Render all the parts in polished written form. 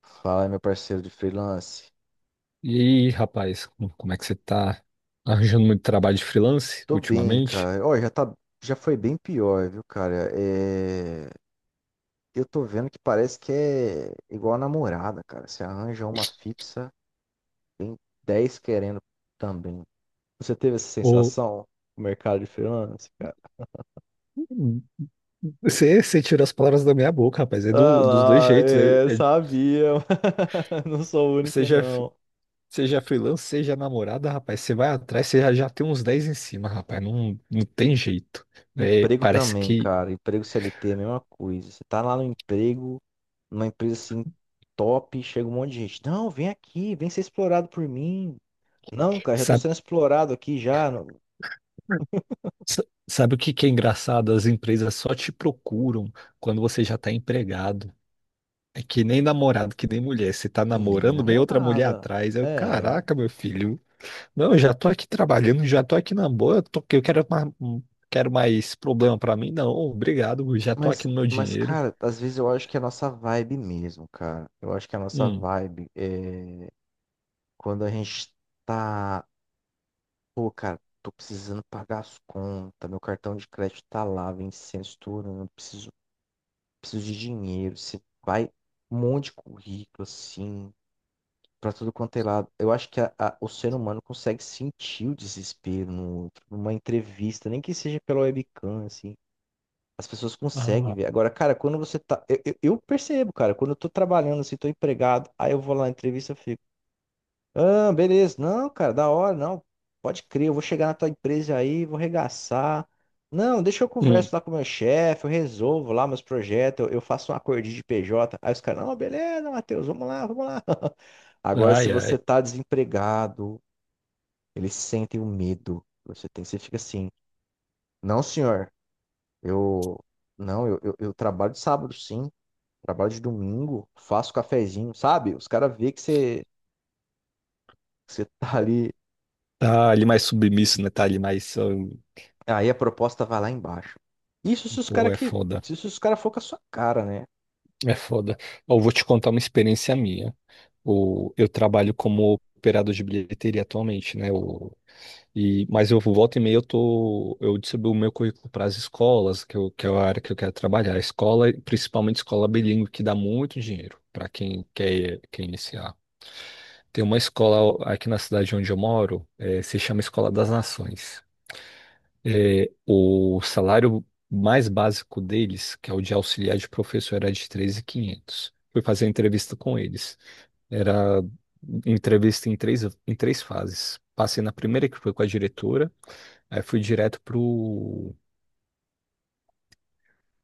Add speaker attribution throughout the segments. Speaker 1: Fala, meu parceiro de freelance.
Speaker 2: E aí, rapaz, como é que você tá arranjando muito trabalho de freelance
Speaker 1: Tô bem,
Speaker 2: ultimamente?
Speaker 1: cara. Ó, já tá, já foi bem pior, viu, cara? É, eu tô vendo que parece que é igual a namorada, cara. Você arranja uma fixa, tem 10 querendo também. Você teve essa
Speaker 2: Ou
Speaker 1: sensação no mercado de freelance, cara?
Speaker 2: você tirou as palavras da minha boca, rapaz. É
Speaker 1: Ah
Speaker 2: dos dois
Speaker 1: lá,
Speaker 2: jeitos.
Speaker 1: é, sabia. Mas não sou o único
Speaker 2: Seja,
Speaker 1: não.
Speaker 2: seja freelance, seja namorada, rapaz. Você vai atrás, você já tem uns 10 em cima, rapaz. Não, não tem jeito. É,
Speaker 1: Emprego
Speaker 2: parece
Speaker 1: também,
Speaker 2: que.
Speaker 1: cara. Emprego CLT é a mesma coisa. Você tá lá no emprego, numa empresa assim top, chega um monte de gente. Não, vem aqui, vem ser explorado por mim. Não, cara, já tô
Speaker 2: Sabe,
Speaker 1: sendo explorado aqui já. Não.
Speaker 2: sa- sabe o que que é engraçado? As empresas só te procuram quando você já tá empregado. É que nem namorado, que nem mulher. Você tá
Speaker 1: Que nem
Speaker 2: namorando, vem outra mulher
Speaker 1: namorada.
Speaker 2: atrás. Eu,
Speaker 1: É.
Speaker 2: caraca, meu filho. Não, eu já tô aqui trabalhando, já tô aqui na boa, eu quero mais problema pra mim? Não, obrigado, já tô
Speaker 1: Mas,
Speaker 2: aqui no meu
Speaker 1: mas,
Speaker 2: dinheiro.
Speaker 1: cara, às vezes eu acho que é a nossa vibe mesmo, cara. Eu acho que é a nossa
Speaker 2: Hum.
Speaker 1: vibe é quando a gente tá. Pô, cara, tô precisando pagar as contas. Meu cartão de crédito tá lá, vencendo, estourando. Preciso de dinheiro. Você vai. Um monte de currículo, assim. Pra tudo quanto é lado. Eu acho que o ser humano consegue sentir o desespero no outro, numa entrevista, nem que seja pela webcam, assim. As pessoas conseguem
Speaker 2: Ah.
Speaker 1: ver. Agora, cara, quando você tá. Eu percebo, cara, quando eu tô trabalhando, assim, tô empregado, aí eu vou lá na entrevista, eu fico. Ah, beleza. Não, cara, da hora, não. Pode crer, eu vou chegar na tua empresa aí, vou arregaçar. Não, deixa eu converso
Speaker 2: Hum.
Speaker 1: lá com o meu chefe, eu resolvo lá meus projetos, eu faço um acordinho de PJ. Aí os caras, não, beleza, Matheus, vamos lá, vamos lá. Agora, se
Speaker 2: Ai,
Speaker 1: você
Speaker 2: ai.
Speaker 1: tá desempregado, eles sentem o medo. Você tem, você fica assim, não, senhor, eu, não, eu trabalho de sábado, sim, trabalho de domingo, faço cafezinho, sabe? Os caras veem que você tá ali.
Speaker 2: Tá ali mais submisso, né? Tá ali mais.
Speaker 1: Aí a proposta vai lá embaixo. Isso se os cara
Speaker 2: Pô, é
Speaker 1: que,
Speaker 2: foda,
Speaker 1: isso se os cara for com a sua cara, né?
Speaker 2: é foda. Ó, eu vou te contar uma experiência minha. O, eu trabalho como operador de bilheteria atualmente, né? E, mas eu volta e meia eu distribuo o meu currículo para as escolas, que é a área que eu quero trabalhar. Escola, principalmente escola bilíngue, que dá muito dinheiro para quem quer iniciar. Tem uma escola aqui na cidade onde eu moro, se chama Escola das Nações. O salário mais básico deles, que é o de auxiliar de professor, era de 3.500. Fui fazer entrevista com eles. Era entrevista em três fases. Passei na primeira, que foi com a diretora. Aí fui direto pro,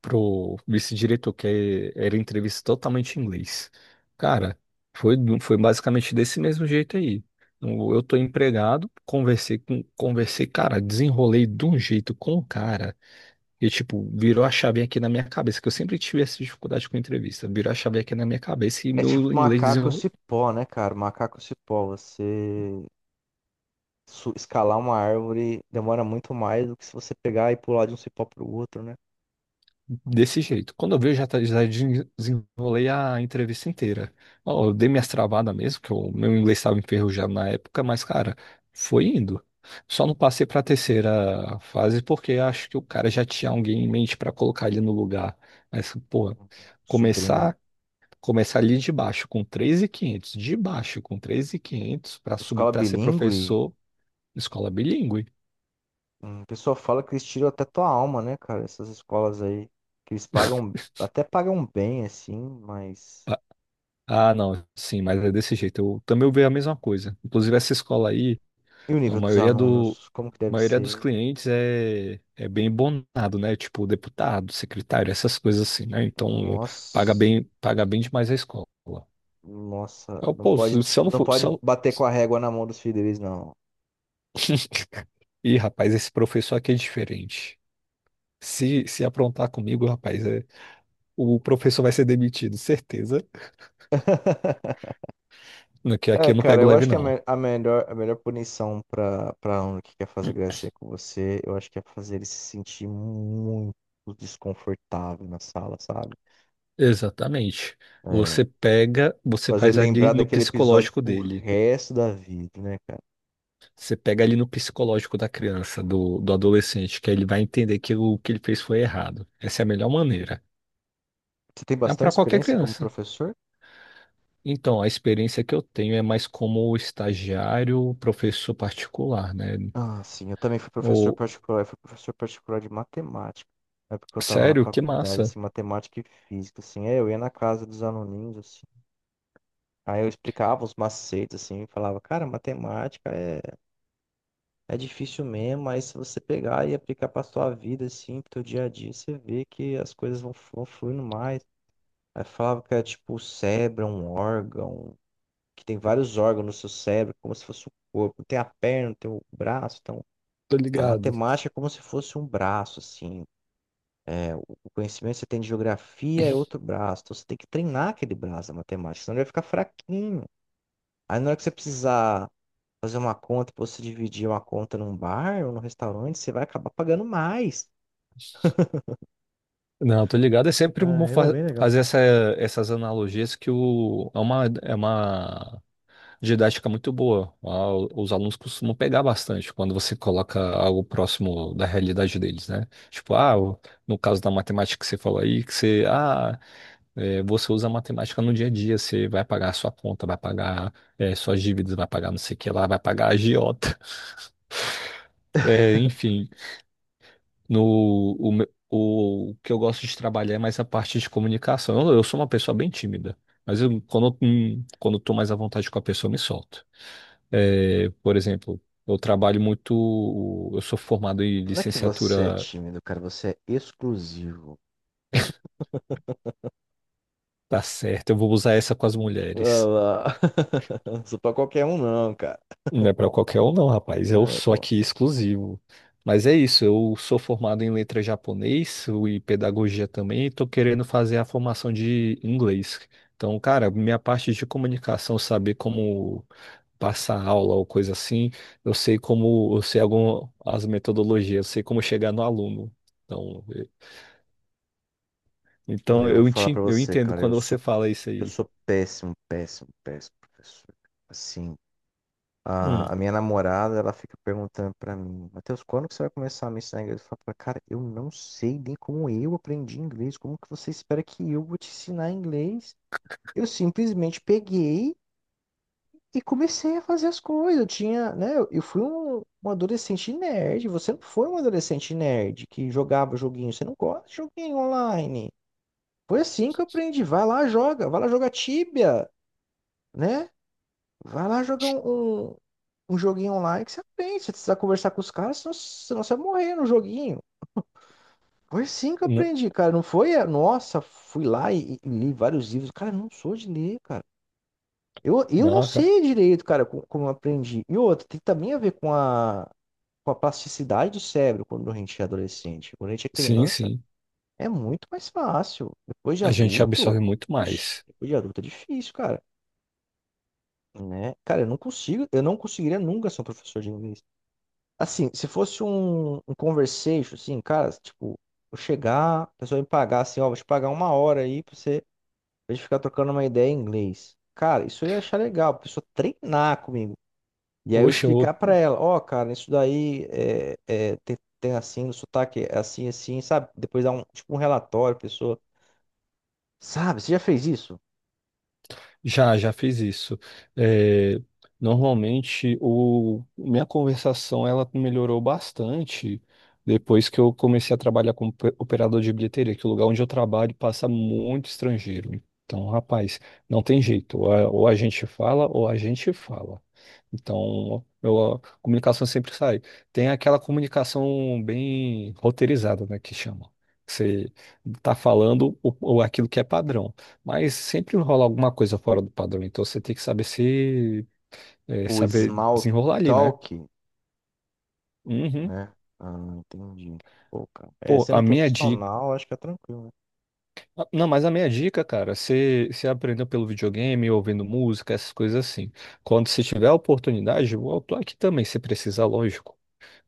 Speaker 2: pro vice-diretor, que era entrevista totalmente em inglês. Cara, foi basicamente desse mesmo jeito aí. Eu tô empregado, conversei, cara, desenrolei de um jeito com o cara. E, tipo, virou a chave aqui na minha cabeça, que eu sempre tive essa dificuldade com entrevista. Virou a chave aqui na minha cabeça e
Speaker 1: É tipo
Speaker 2: meu inglês
Speaker 1: macaco
Speaker 2: desenrolou.
Speaker 1: cipó, né, cara? Macaco cipó, você escalar uma árvore demora muito mais do que se você pegar e pular de um cipó pro outro, né?
Speaker 2: Desse jeito. Quando eu vejo, já desenrolei a entrevista inteira. Ó, eu dei minhas travadas mesmo, que o meu inglês estava enferrujado na época, mas, cara, foi indo. Só não passei para a terceira fase porque acho que o cara já tinha alguém em mente para colocar ele no lugar. Mas, pô,
Speaker 1: Sobrinho.
Speaker 2: começar, começar ali de baixo com 3.500, de baixo com 3.500 para subir
Speaker 1: Escola
Speaker 2: para ser
Speaker 1: bilíngue,
Speaker 2: professor, escola bilíngue.
Speaker 1: o pessoal fala que eles tiram até tua alma, né, cara? Essas escolas aí que eles pagam, até pagam bem assim, mas
Speaker 2: Ah, ah, não, sim, mas é desse jeito. Eu também ouvi a mesma coisa. Inclusive, essa escola aí.
Speaker 1: e o
Speaker 2: A
Speaker 1: nível dos
Speaker 2: maioria do,
Speaker 1: alunos, como que
Speaker 2: a
Speaker 1: deve
Speaker 2: maioria
Speaker 1: ser,
Speaker 2: dos
Speaker 1: hein?
Speaker 2: clientes é bem bonado, né? Tipo deputado, secretário, essas coisas assim, né? Então
Speaker 1: Nossa.
Speaker 2: paga bem demais a escola.
Speaker 1: Nossa,
Speaker 2: Eu, pô, se eu não
Speaker 1: não
Speaker 2: for, se
Speaker 1: pode
Speaker 2: eu...
Speaker 1: bater com a régua na mão dos filhos deles, não.
Speaker 2: Ih, rapaz, esse professor aqui é diferente. Se aprontar comigo, rapaz, o professor vai ser demitido, certeza. No que
Speaker 1: É,
Speaker 2: aqui eu não
Speaker 1: cara,
Speaker 2: pego
Speaker 1: eu
Speaker 2: leve,
Speaker 1: acho que
Speaker 2: não.
Speaker 1: a melhor punição pra um que quer fazer gracinha com você, eu acho que é fazer ele se sentir muito desconfortável na sala, sabe?
Speaker 2: Exatamente.
Speaker 1: É,
Speaker 2: Você pega, você
Speaker 1: fazer ele
Speaker 2: faz ali
Speaker 1: lembrar
Speaker 2: no
Speaker 1: daquele episódio
Speaker 2: psicológico
Speaker 1: pro
Speaker 2: dele.
Speaker 1: resto da vida, né, cara?
Speaker 2: Você pega ali no psicológico da criança, do adolescente, que ele vai entender que o que ele fez foi errado. Essa é a melhor maneira.
Speaker 1: Você tem
Speaker 2: É
Speaker 1: bastante
Speaker 2: para qualquer
Speaker 1: experiência como
Speaker 2: criança.
Speaker 1: professor?
Speaker 2: Então, a experiência que eu tenho é mais como estagiário, professor particular, né?
Speaker 1: Ah, sim, eu também fui professor
Speaker 2: Ou,
Speaker 1: particular, eu fui professor particular de matemática. Na época que eu tava na
Speaker 2: sério, que
Speaker 1: faculdade,
Speaker 2: massa.
Speaker 1: assim, matemática e física, assim, é, eu ia na casa dos aluninhos, assim. Aí eu explicava os macetes, assim, e falava, cara, matemática é, é difícil mesmo, mas se você pegar e aplicar pra sua vida, assim, pro teu dia a dia, você vê que as coisas vão, vão fluindo mais. Aí falava que é tipo o cérebro, é um órgão, que tem vários órgãos no seu cérebro, como se fosse o corpo, tem a perna, tem o braço, então
Speaker 2: Tô
Speaker 1: a
Speaker 2: ligado.
Speaker 1: matemática é como se fosse um braço, assim. É, o conhecimento que você tem de geografia é outro braço, então você tem que treinar aquele braço da matemática, senão ele vai ficar fraquinho. Aí na hora que você precisar fazer uma conta pra você dividir uma conta num bar ou num restaurante, você vai acabar pagando mais.
Speaker 2: Não, tô ligado. É sempre
Speaker 1: Ah,
Speaker 2: bom
Speaker 1: era bem legal.
Speaker 2: fazer essas analogias é uma didática muito boa. Ah, os alunos costumam pegar bastante quando você coloca algo próximo da realidade deles, né? Tipo, no caso da matemática que você falou aí, que você usa a matemática no dia a dia, você vai pagar a sua conta, suas dívidas, vai pagar não sei o que lá, vai pagar a agiota. Enfim, no, o, me- o que eu gosto de trabalhar é mais a parte de comunicação. Eu sou uma pessoa bem tímida, mas quando eu tô mais à vontade com a pessoa, eu me solto. É, por exemplo, eu trabalho muito. Eu sou formado em
Speaker 1: Não é que você é
Speaker 2: licenciatura
Speaker 1: tímido, cara, você é exclusivo.
Speaker 2: tá certa. Eu vou usar essa com as mulheres.
Speaker 1: Ah, não sou pra qualquer um, não, cara.
Speaker 2: Não é para qualquer um, não, rapaz. Eu
Speaker 1: É,
Speaker 2: sou
Speaker 1: pô.
Speaker 2: aqui exclusivo. Mas é isso. Eu sou formado em letra japonês e pedagogia também. E tô querendo fazer a formação de inglês. Então, cara, minha parte de comunicação, saber como passar aula ou coisa assim, eu sei como, eu sei algumas metodologias, eu sei como chegar no aluno. Então, Então
Speaker 1: Eu vou
Speaker 2: eu,
Speaker 1: falar pra
Speaker 2: enti- eu
Speaker 1: você,
Speaker 2: entendo
Speaker 1: cara,
Speaker 2: quando você fala isso
Speaker 1: eu
Speaker 2: aí.
Speaker 1: sou péssimo, péssimo, péssimo professor. Assim,
Speaker 2: Hum.
Speaker 1: a minha namorada, ela fica perguntando pra mim, Matheus, quando que você vai começar a me ensinar inglês? Eu falo pra ela, cara, eu não sei nem como eu aprendi inglês, como que você espera que eu vou te ensinar inglês? Eu simplesmente peguei e comecei a fazer as coisas. Eu tinha, né? Eu fui um, um adolescente nerd. Você não foi um adolescente nerd que jogava joguinho. Você não gosta de joguinho online. Foi assim que eu aprendi. Vai lá, joga. Vai lá jogar Tibia, né? Vai lá jogar um joguinho online que você aprende. Você precisa conversar com os caras, senão você vai morrer no joguinho. Foi assim que eu
Speaker 2: N-
Speaker 1: aprendi, cara. Não foi, é, nossa, fui lá e li vários livros. Cara, eu não sou de ler, cara. Eu não
Speaker 2: Não, cara.
Speaker 1: sei direito, cara, co- como, eu aprendi. E outra, tem também a ver com a plasticidade do cérebro quando a gente é adolescente. Quando a gente é
Speaker 2: Sim,
Speaker 1: criança,
Speaker 2: sim.
Speaker 1: é muito mais fácil. Depois de
Speaker 2: A gente absorve
Speaker 1: adulto,
Speaker 2: muito
Speaker 1: oxe,
Speaker 2: mais.
Speaker 1: depois de adulto é difícil, cara. Né? Cara, eu não consigo, eu não conseguiria nunca ser um professor de inglês. Assim, se fosse um conversation, assim, cara, tipo, eu chegar, a pessoa me pagar assim, ó, vou te pagar uma hora aí pra você, pra gente ficar trocando uma ideia em inglês. Cara, isso eu ia achar legal, a pessoa treinar comigo. E aí eu
Speaker 2: Oxe, eu
Speaker 1: explicar pra ela, ó, cara, isso daí é, é, tem, tem assim, no sotaque é assim, assim, sabe? Depois dá um, tipo um relatório, a pessoa, sabe? Você já fez isso?
Speaker 2: já, já fiz isso. É, normalmente, minha conversação ela melhorou bastante depois que eu comecei a trabalhar como operador de bilheteria, que o lugar onde eu trabalho passa muito estrangeiro. Então, rapaz, não tem jeito. Ou a gente fala, ou a gente fala. Então, a comunicação sempre sai. Tem aquela comunicação bem roteirizada, né, que chama. Você tá falando o aquilo que é padrão. Mas sempre rola alguma coisa fora do padrão, então você tem que saber se é,
Speaker 1: O
Speaker 2: saber
Speaker 1: small
Speaker 2: desenrolar ali, né?
Speaker 1: talk,
Speaker 2: Uhum.
Speaker 1: né? Ah, não entendi. Pô, cara. É,
Speaker 2: Pô, a
Speaker 1: sendo
Speaker 2: minha dica.
Speaker 1: profissional, acho que é tranquilo, né?
Speaker 2: Não, mas a minha dica, cara, você aprendeu pelo videogame, ouvindo música, essas coisas assim. Quando você tiver a oportunidade, eu tô aqui também, se precisar, lógico.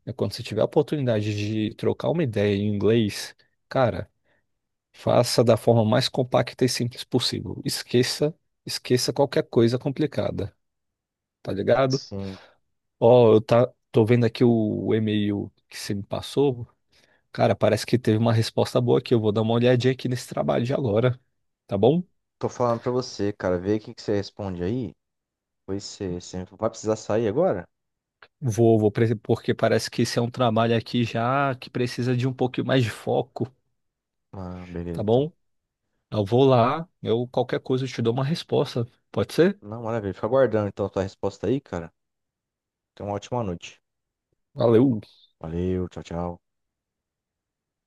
Speaker 2: É quando você tiver a oportunidade de trocar uma ideia em inglês, cara, faça da forma mais compacta e simples possível. Esqueça, esqueça qualquer coisa complicada, tá ligado?
Speaker 1: Sim.
Speaker 2: Ó, tô vendo aqui o e-mail que você me passou. Cara, parece que teve uma resposta boa aqui. Eu vou dar uma olhadinha aqui nesse trabalho de agora, tá bom?
Speaker 1: Tô falando pra você, cara, vê o que que você responde aí. Pois você, você vai precisar sair agora?
Speaker 2: Vou, porque parece que esse é um trabalho aqui já que precisa de um pouquinho mais de foco,
Speaker 1: Ah, beleza,
Speaker 2: tá
Speaker 1: então.
Speaker 2: bom? Eu vou lá, eu qualquer coisa eu te dou uma resposta. Pode ser?
Speaker 1: Não, maravilha. Fica aguardando, então, a tua resposta aí, cara. Tenha uma ótima noite.
Speaker 2: Valeu.
Speaker 1: Valeu, tchau, tchau.